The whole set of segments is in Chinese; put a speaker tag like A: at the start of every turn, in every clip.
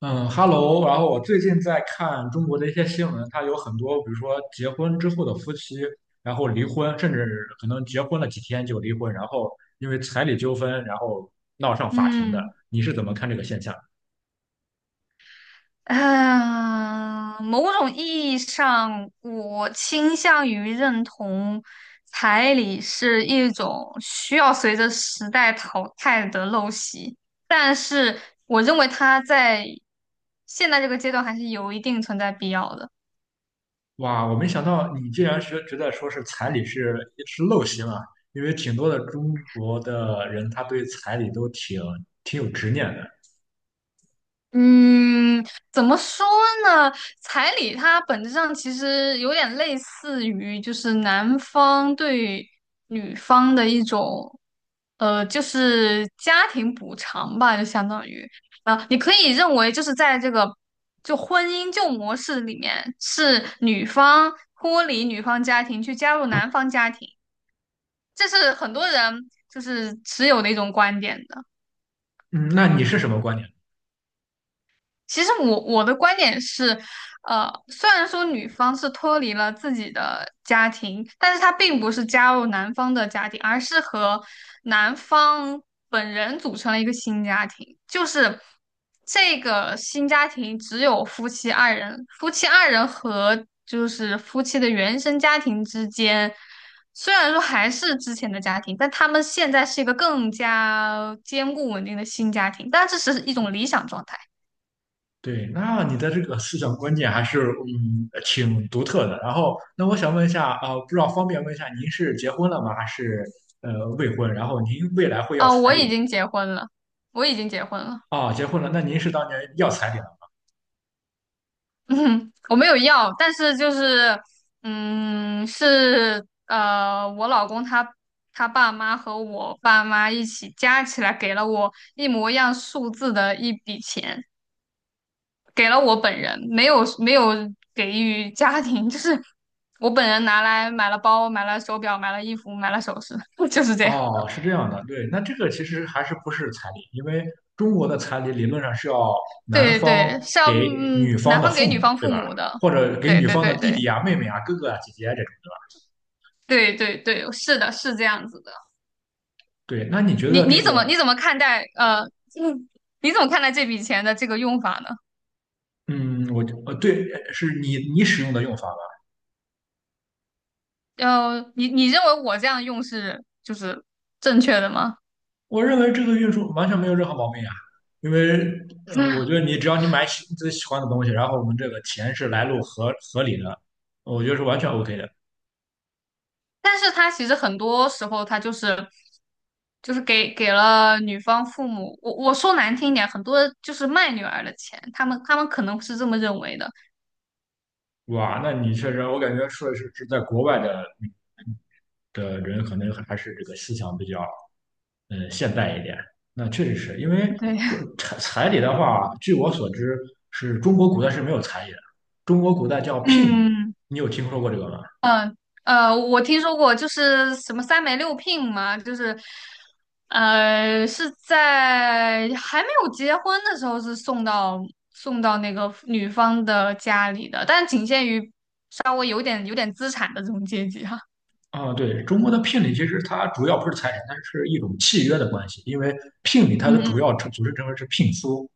A: 嗯，Hello，然后我最近在看中国的一些新闻，它有很多，比如说结婚之后的夫妻，然后离婚，甚至可能结婚了几天就离婚，然后因为彩礼纠纷，然后闹上法庭的。
B: 嗯
A: 你是怎么看这个现象？
B: 嗯，呃某种意义上，我倾向于认同彩礼是一种需要随着时代淘汰的陋习，但是我认为它在现在这个阶段还是有一定存在必要的。
A: 哇，我没想到你竟然是觉得说是彩礼是陋习嘛，因为挺多的中国的人他对彩礼都挺有执念的。
B: 嗯，怎么说呢？彩礼它本质上其实有点类似于，就是男方对女方的一种，呃，就是家庭补偿吧，就相当于啊，你可以认为就是在这个就婚姻旧模式里面，是女方脱离女方家庭去加入男方家庭，这是很多人就是持有的一种观点的。
A: 嗯，那你是什么观点？
B: 其实我的观点是，呃，虽然说女方是脱离了自己的家庭，但是她并不是加入男方的家庭，而是和男方本人组成了一个新家庭。就是这个新家庭只有夫妻二人，夫妻二人和就是夫妻的原生家庭之间，虽然说还是之前的家庭，但他们现在是一个更加坚固稳定的新家庭，但这只是一种理想状态。
A: 对，那你的这个思想观念还是挺独特的。然后，那我想问一下啊、不知道方便问一下，您是结婚了吗？还是未婚？然后您未来会要
B: 啊，
A: 彩
B: 我
A: 礼
B: 已
A: 吗？
B: 经结婚了，我已经结婚了。
A: 啊，结婚了，那您是当年要彩礼了？
B: 嗯，我没有要，但是就是，嗯，是呃，我老公他爸妈和我爸妈一起加起来给了我一模一样数字的一笔钱，给了我本人，没有给予家庭，就是我本人拿来买了包，买了手表，买了衣服，买了首饰，就是这样。
A: 哦，是这样的，对，那这个其实还是不是彩礼，因为中国的彩礼理论上是要男
B: 对
A: 方
B: 对，像
A: 给
B: 嗯
A: 女方
B: 男
A: 的
B: 方给
A: 父
B: 女
A: 母，
B: 方
A: 对
B: 父
A: 吧？
B: 母的。
A: 或者给
B: 对
A: 女
B: 对
A: 方的
B: 对
A: 弟弟
B: 对。
A: 呀、妹妹啊、哥哥啊、姐姐啊这种的。
B: 对对对，是的，是这样子的。
A: 对，那你觉得这个，
B: 你怎么看待呃，嗯你怎么看待这笔钱的这个用法呢？
A: 嗯，我，对，是你使用的用法吗。
B: 呃，你认为我这样用是就是正确的吗？
A: 我认为这个运输完全没有任何毛病啊，因为，嗯、我觉 得你只要你买喜自己喜欢的东西，然后我们这个钱是来路合理的，我觉得是完全 OK 的。
B: 但是他其实很多时候他给了女方父母，我说难听一点，很多就是卖女儿的钱，他们可能是这么认为的。
A: 哇，那你确实，我感觉说是是在国外的人，可能还是这个思想比较，嗯、现代一点。那确实是因为
B: 对，
A: 中彩礼的话，据我所知，是中国古代是没有彩礼的，中国古代叫 聘礼，
B: 嗯。
A: 你有听说过这个吗？
B: 嗯呃，我听说过，就是什么三媒六聘嘛，就是呃是在还没有结婚的时候是送到那个女方的家里的，但仅限于稍微有点资产的这种阶级哈。
A: 啊，对，中国的聘礼其实它主要不是财产，它是一种契约的关系。因为聘礼它的
B: 嗯
A: 主
B: 嗯
A: 要组成成分是聘书，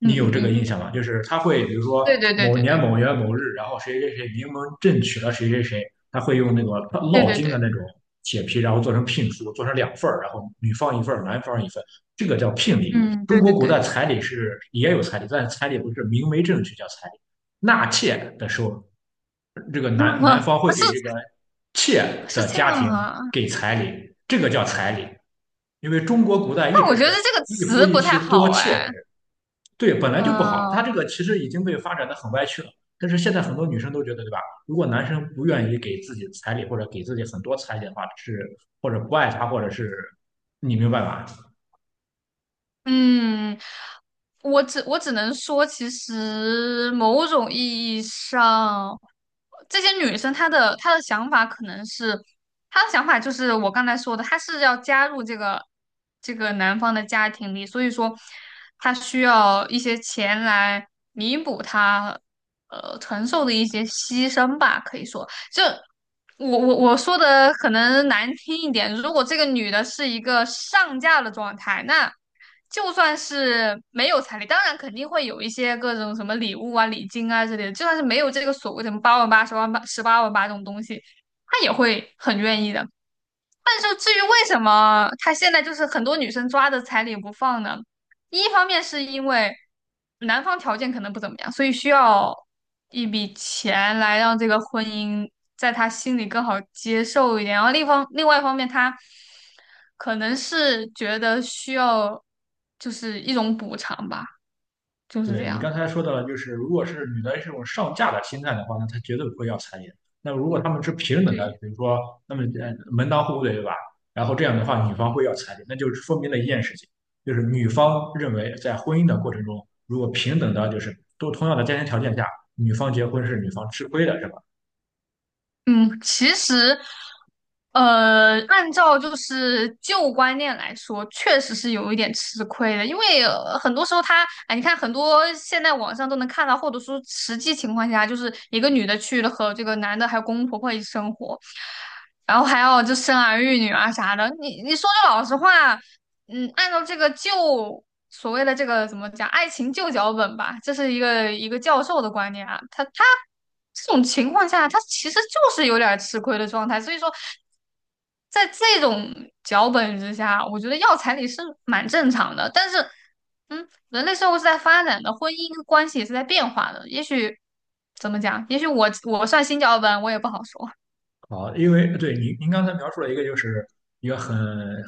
B: 嗯
A: 你有
B: 嗯
A: 这个印
B: 嗯，
A: 象吗？就是他会比如说
B: 对对对
A: 某
B: 对
A: 年
B: 对
A: 某月某日，然后谁谁谁名门正娶了谁谁谁，他会用那个
B: 对
A: 烙
B: 对
A: 金
B: 对，
A: 的那种铁皮，然后做成聘书，做成两份儿，然后女方一份儿，男方一份，这个叫聘礼。
B: 嗯
A: 中
B: 对
A: 国
B: 对
A: 古代
B: 对，
A: 彩礼是也有彩礼，但是彩礼不是明媒正娶叫彩礼，纳妾的时候这个男方会
B: 是
A: 给这个妾
B: 是
A: 的
B: 这
A: 家
B: 样
A: 庭
B: 啊。
A: 给彩礼，这个叫彩礼，因为中国古代一
B: 那我
A: 直
B: 觉得
A: 是
B: 这个
A: 一夫
B: 词
A: 一
B: 不太
A: 妻多
B: 好
A: 妾
B: 哎，
A: 制，对，本来就不好，它
B: 嗯。
A: 这个其实已经被发展的很歪曲了。但是现在很多女生都觉得，对吧？如果男生不愿意给自己彩礼，或者给自己很多彩礼的话，是或者不爱他，或者是你明白吧？
B: 嗯，我只能说，其实某种意义上，这些女生她的想法可能是，她的想法就是我刚才说的，她是要加入这个男方的家庭里，所以说她需要一些钱来弥补她呃承受的一些牺牲吧，可以说。就我说的可能难听一点，如果这个女的是一个上架的状态，那就算是没有彩礼，当然肯定会有一些各种什么礼物啊、礼金啊之类的，就算是没有这个所谓什么八万八、十万八、十八万八这种东西，她也会很愿意的。但是至于为什么他现在就是很多女生抓着彩礼不放呢？一方面是因为男方条件可能不怎么样，所以需要一笔钱来让这个婚姻在他心里更好接受一点。然后另外一方面，他可能是觉得需要就是一种补偿吧，就是这
A: 对你刚
B: 样。
A: 才说到了，就是如果是女的这种上嫁的心态的话，那她绝对不会要彩礼。那如果他们是平等的，
B: 对，
A: 比如说，那么门当户对，对吧？然后这样的话，女方会要彩礼，那就说明了一件事情，就是女方认为在婚姻的过程中，如果平等的，就是都同样的家庭条件下，女方结婚是女方吃亏的，是吧？
B: 嗯，其实，呃，按照就是旧观念来说，确实是有一点吃亏的，因为、呃很多时候他，哎，你看很多现在网上都能看到，或者说实际情况下，就是一个女的去了和这个男的还有公公婆婆一起生活，然后还要就生儿育女啊啥的，你你说句老实话。嗯，按照这个旧所谓的这个怎么讲，爱情旧脚本吧，这是一个教授的观点啊。他这种情况下，他其实就是有点儿吃亏的状态。所以说，在这种脚本之下，我觉得要彩礼是蛮正常的。但是，嗯，人类社会是在发展的，婚姻关系也是在变化的。也许怎么讲？也许我算新脚本，我也不好说。
A: 好，因为对您刚才描述了一个就是一个很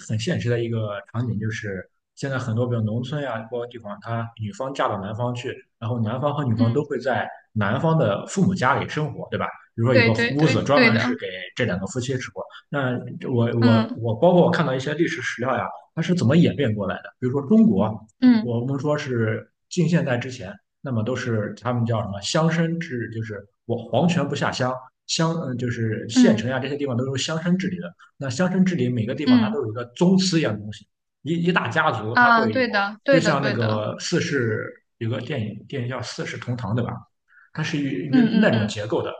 A: 很现实的一个场景，就是现在很多比如农村呀，包括地方，他女方嫁到男方去，然后男方和女方
B: 嗯，
A: 都会在男方的父母家里生活，对吧？比如说有
B: 对
A: 个
B: 对
A: 屋子
B: 对
A: 专
B: 对
A: 门是
B: 的，
A: 给这两个夫妻住。那我我
B: 嗯
A: 我包括我看到一些历史史料呀，它是怎么演变过来的？比如说中国，
B: 嗯
A: 我们说是近现代之前。那么都是他们叫什么乡绅制，就是我皇权不下乡，乡就是县
B: 嗯
A: 城呀这些地方都是乡绅治理的。那乡绅治理每个地方它
B: 嗯。
A: 都有一个宗祠一样的东西，一大家族它
B: 啊，
A: 会有，
B: 对的，
A: 就
B: 对的，
A: 像那
B: 对的，
A: 个四世有个电影叫《四世同堂》对吧？它是与
B: 嗯
A: 与
B: 嗯
A: 那种
B: 嗯，
A: 结构的，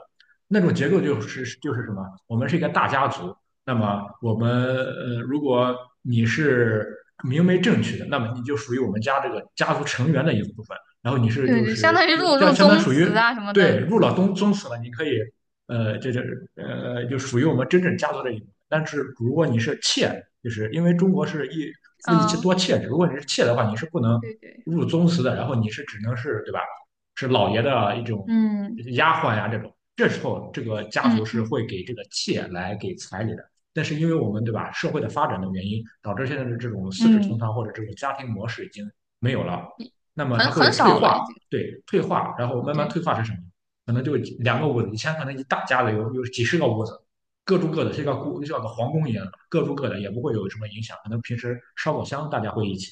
A: 那种结构就是什么？我们是一个大家族，那么我们如果你是。明媒正娶的，那么你就属于我们家这个家族成员的一部分。然后你是
B: 对
A: 就
B: 对，相
A: 是
B: 当于
A: 就
B: 入
A: 这
B: 入
A: 相当于
B: 宗
A: 属于
B: 祠啊什么
A: 对
B: 的，
A: 入了宗祠了，你可以呃这这呃就属于我们真正家族的一部分。但是如果你是妾，就是因为中国是一夫一妻
B: 啊，
A: 多妾制，如果你是妾的话，你是不能
B: 对对，
A: 入宗祠的，然后你是只能是对吧？是老爷的一种
B: 嗯
A: 丫鬟呀、这种。这时候这个家族
B: 嗯
A: 是
B: 嗯
A: 会给这个妾来给彩礼的。但是因为我们对吧，社会的发展的原因，导致现在的这种四世同
B: 嗯，
A: 堂或者这种家庭模式已经没有了。那么它
B: 很很
A: 会退
B: 少了
A: 化，
B: 已经，
A: 对，退化，然后慢慢
B: 对
A: 退化成什么？可能就两个屋子，以前可能一大家子有几十个屋子，各住各的，这个故像个皇宫一样，各住各的，也不会有什么影响。可能平时烧烤香大家会一起，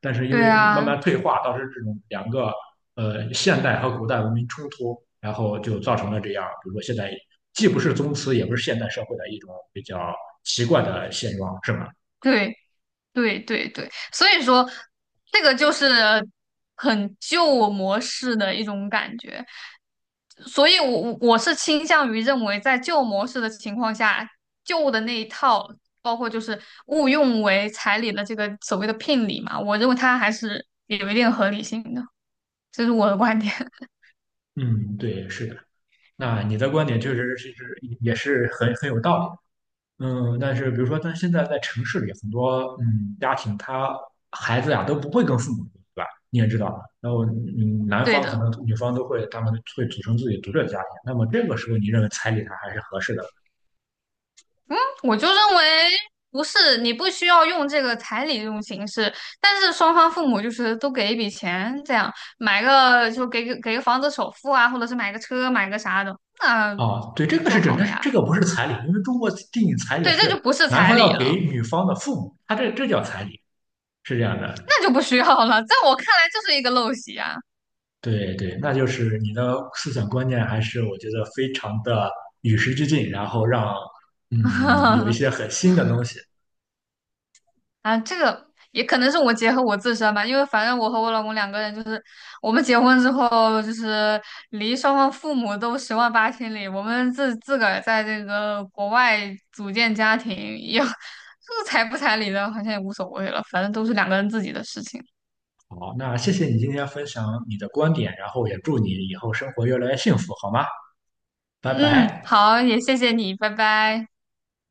A: 但是因
B: 对
A: 为慢
B: 啊，
A: 慢退化，导致这种两个现代和古代文明冲突，然后就造成了这样，比如说现在既不是宗祠，也不是现代社会的一种比较奇怪的现状，是吧？
B: 对。对对对，所以说这个就是很旧模式的一种感觉，所以我是倾向于认为，在旧模式的情况下，旧的那一套，包括就是误用为彩礼的这个所谓的聘礼嘛，我认为它还是有一定合理性的，这是我的观点。
A: 嗯，对，是的。那你的观点确实是也是很有道理。嗯，但是比如说，但现在在城市里，很多嗯家庭，他孩子呀都不会跟父母住，对吧？你也知道，然后嗯，男
B: 对
A: 方可
B: 的。
A: 能女方都会，他们会组成自己独立的家庭。那么这个时候，你认为彩礼它还是合适的？
B: 我就认为不是，你不需要用这个彩礼这种形式，但是双方父母就是都给一笔钱，这样买个就给个房子首付啊，或者是买个车买个啥的，那
A: 啊，对，这个
B: 就
A: 是准，
B: 好
A: 但
B: 了
A: 是
B: 呀。
A: 这个不是彩礼，因为中国定义彩礼
B: 对，这
A: 是
B: 就不是
A: 男
B: 彩
A: 方
B: 礼
A: 要给
B: 了，
A: 女方的父母，他这叫彩礼，是这样的。
B: 那就不需要了。在我看来，就是一个陋习啊。
A: 对对，那就是你的思想观念还是我觉得非常的与时俱进，然后让嗯有一 些很新的东西。
B: 啊，这个也可能是我结合我自身吧，因为反正我和我老公两个人就是，我们结婚之后就是离双方父母都十万八千里，我们自个儿在这个国外组建家庭也，这个彩不彩礼的，好像也无所谓了，反正都是两个人自己的事情。
A: 好，那谢谢你今天分享你的观点，然后也祝你以后生活越来越幸福，好吗？拜
B: 嗯，
A: 拜。
B: 好，也谢谢你，拜拜。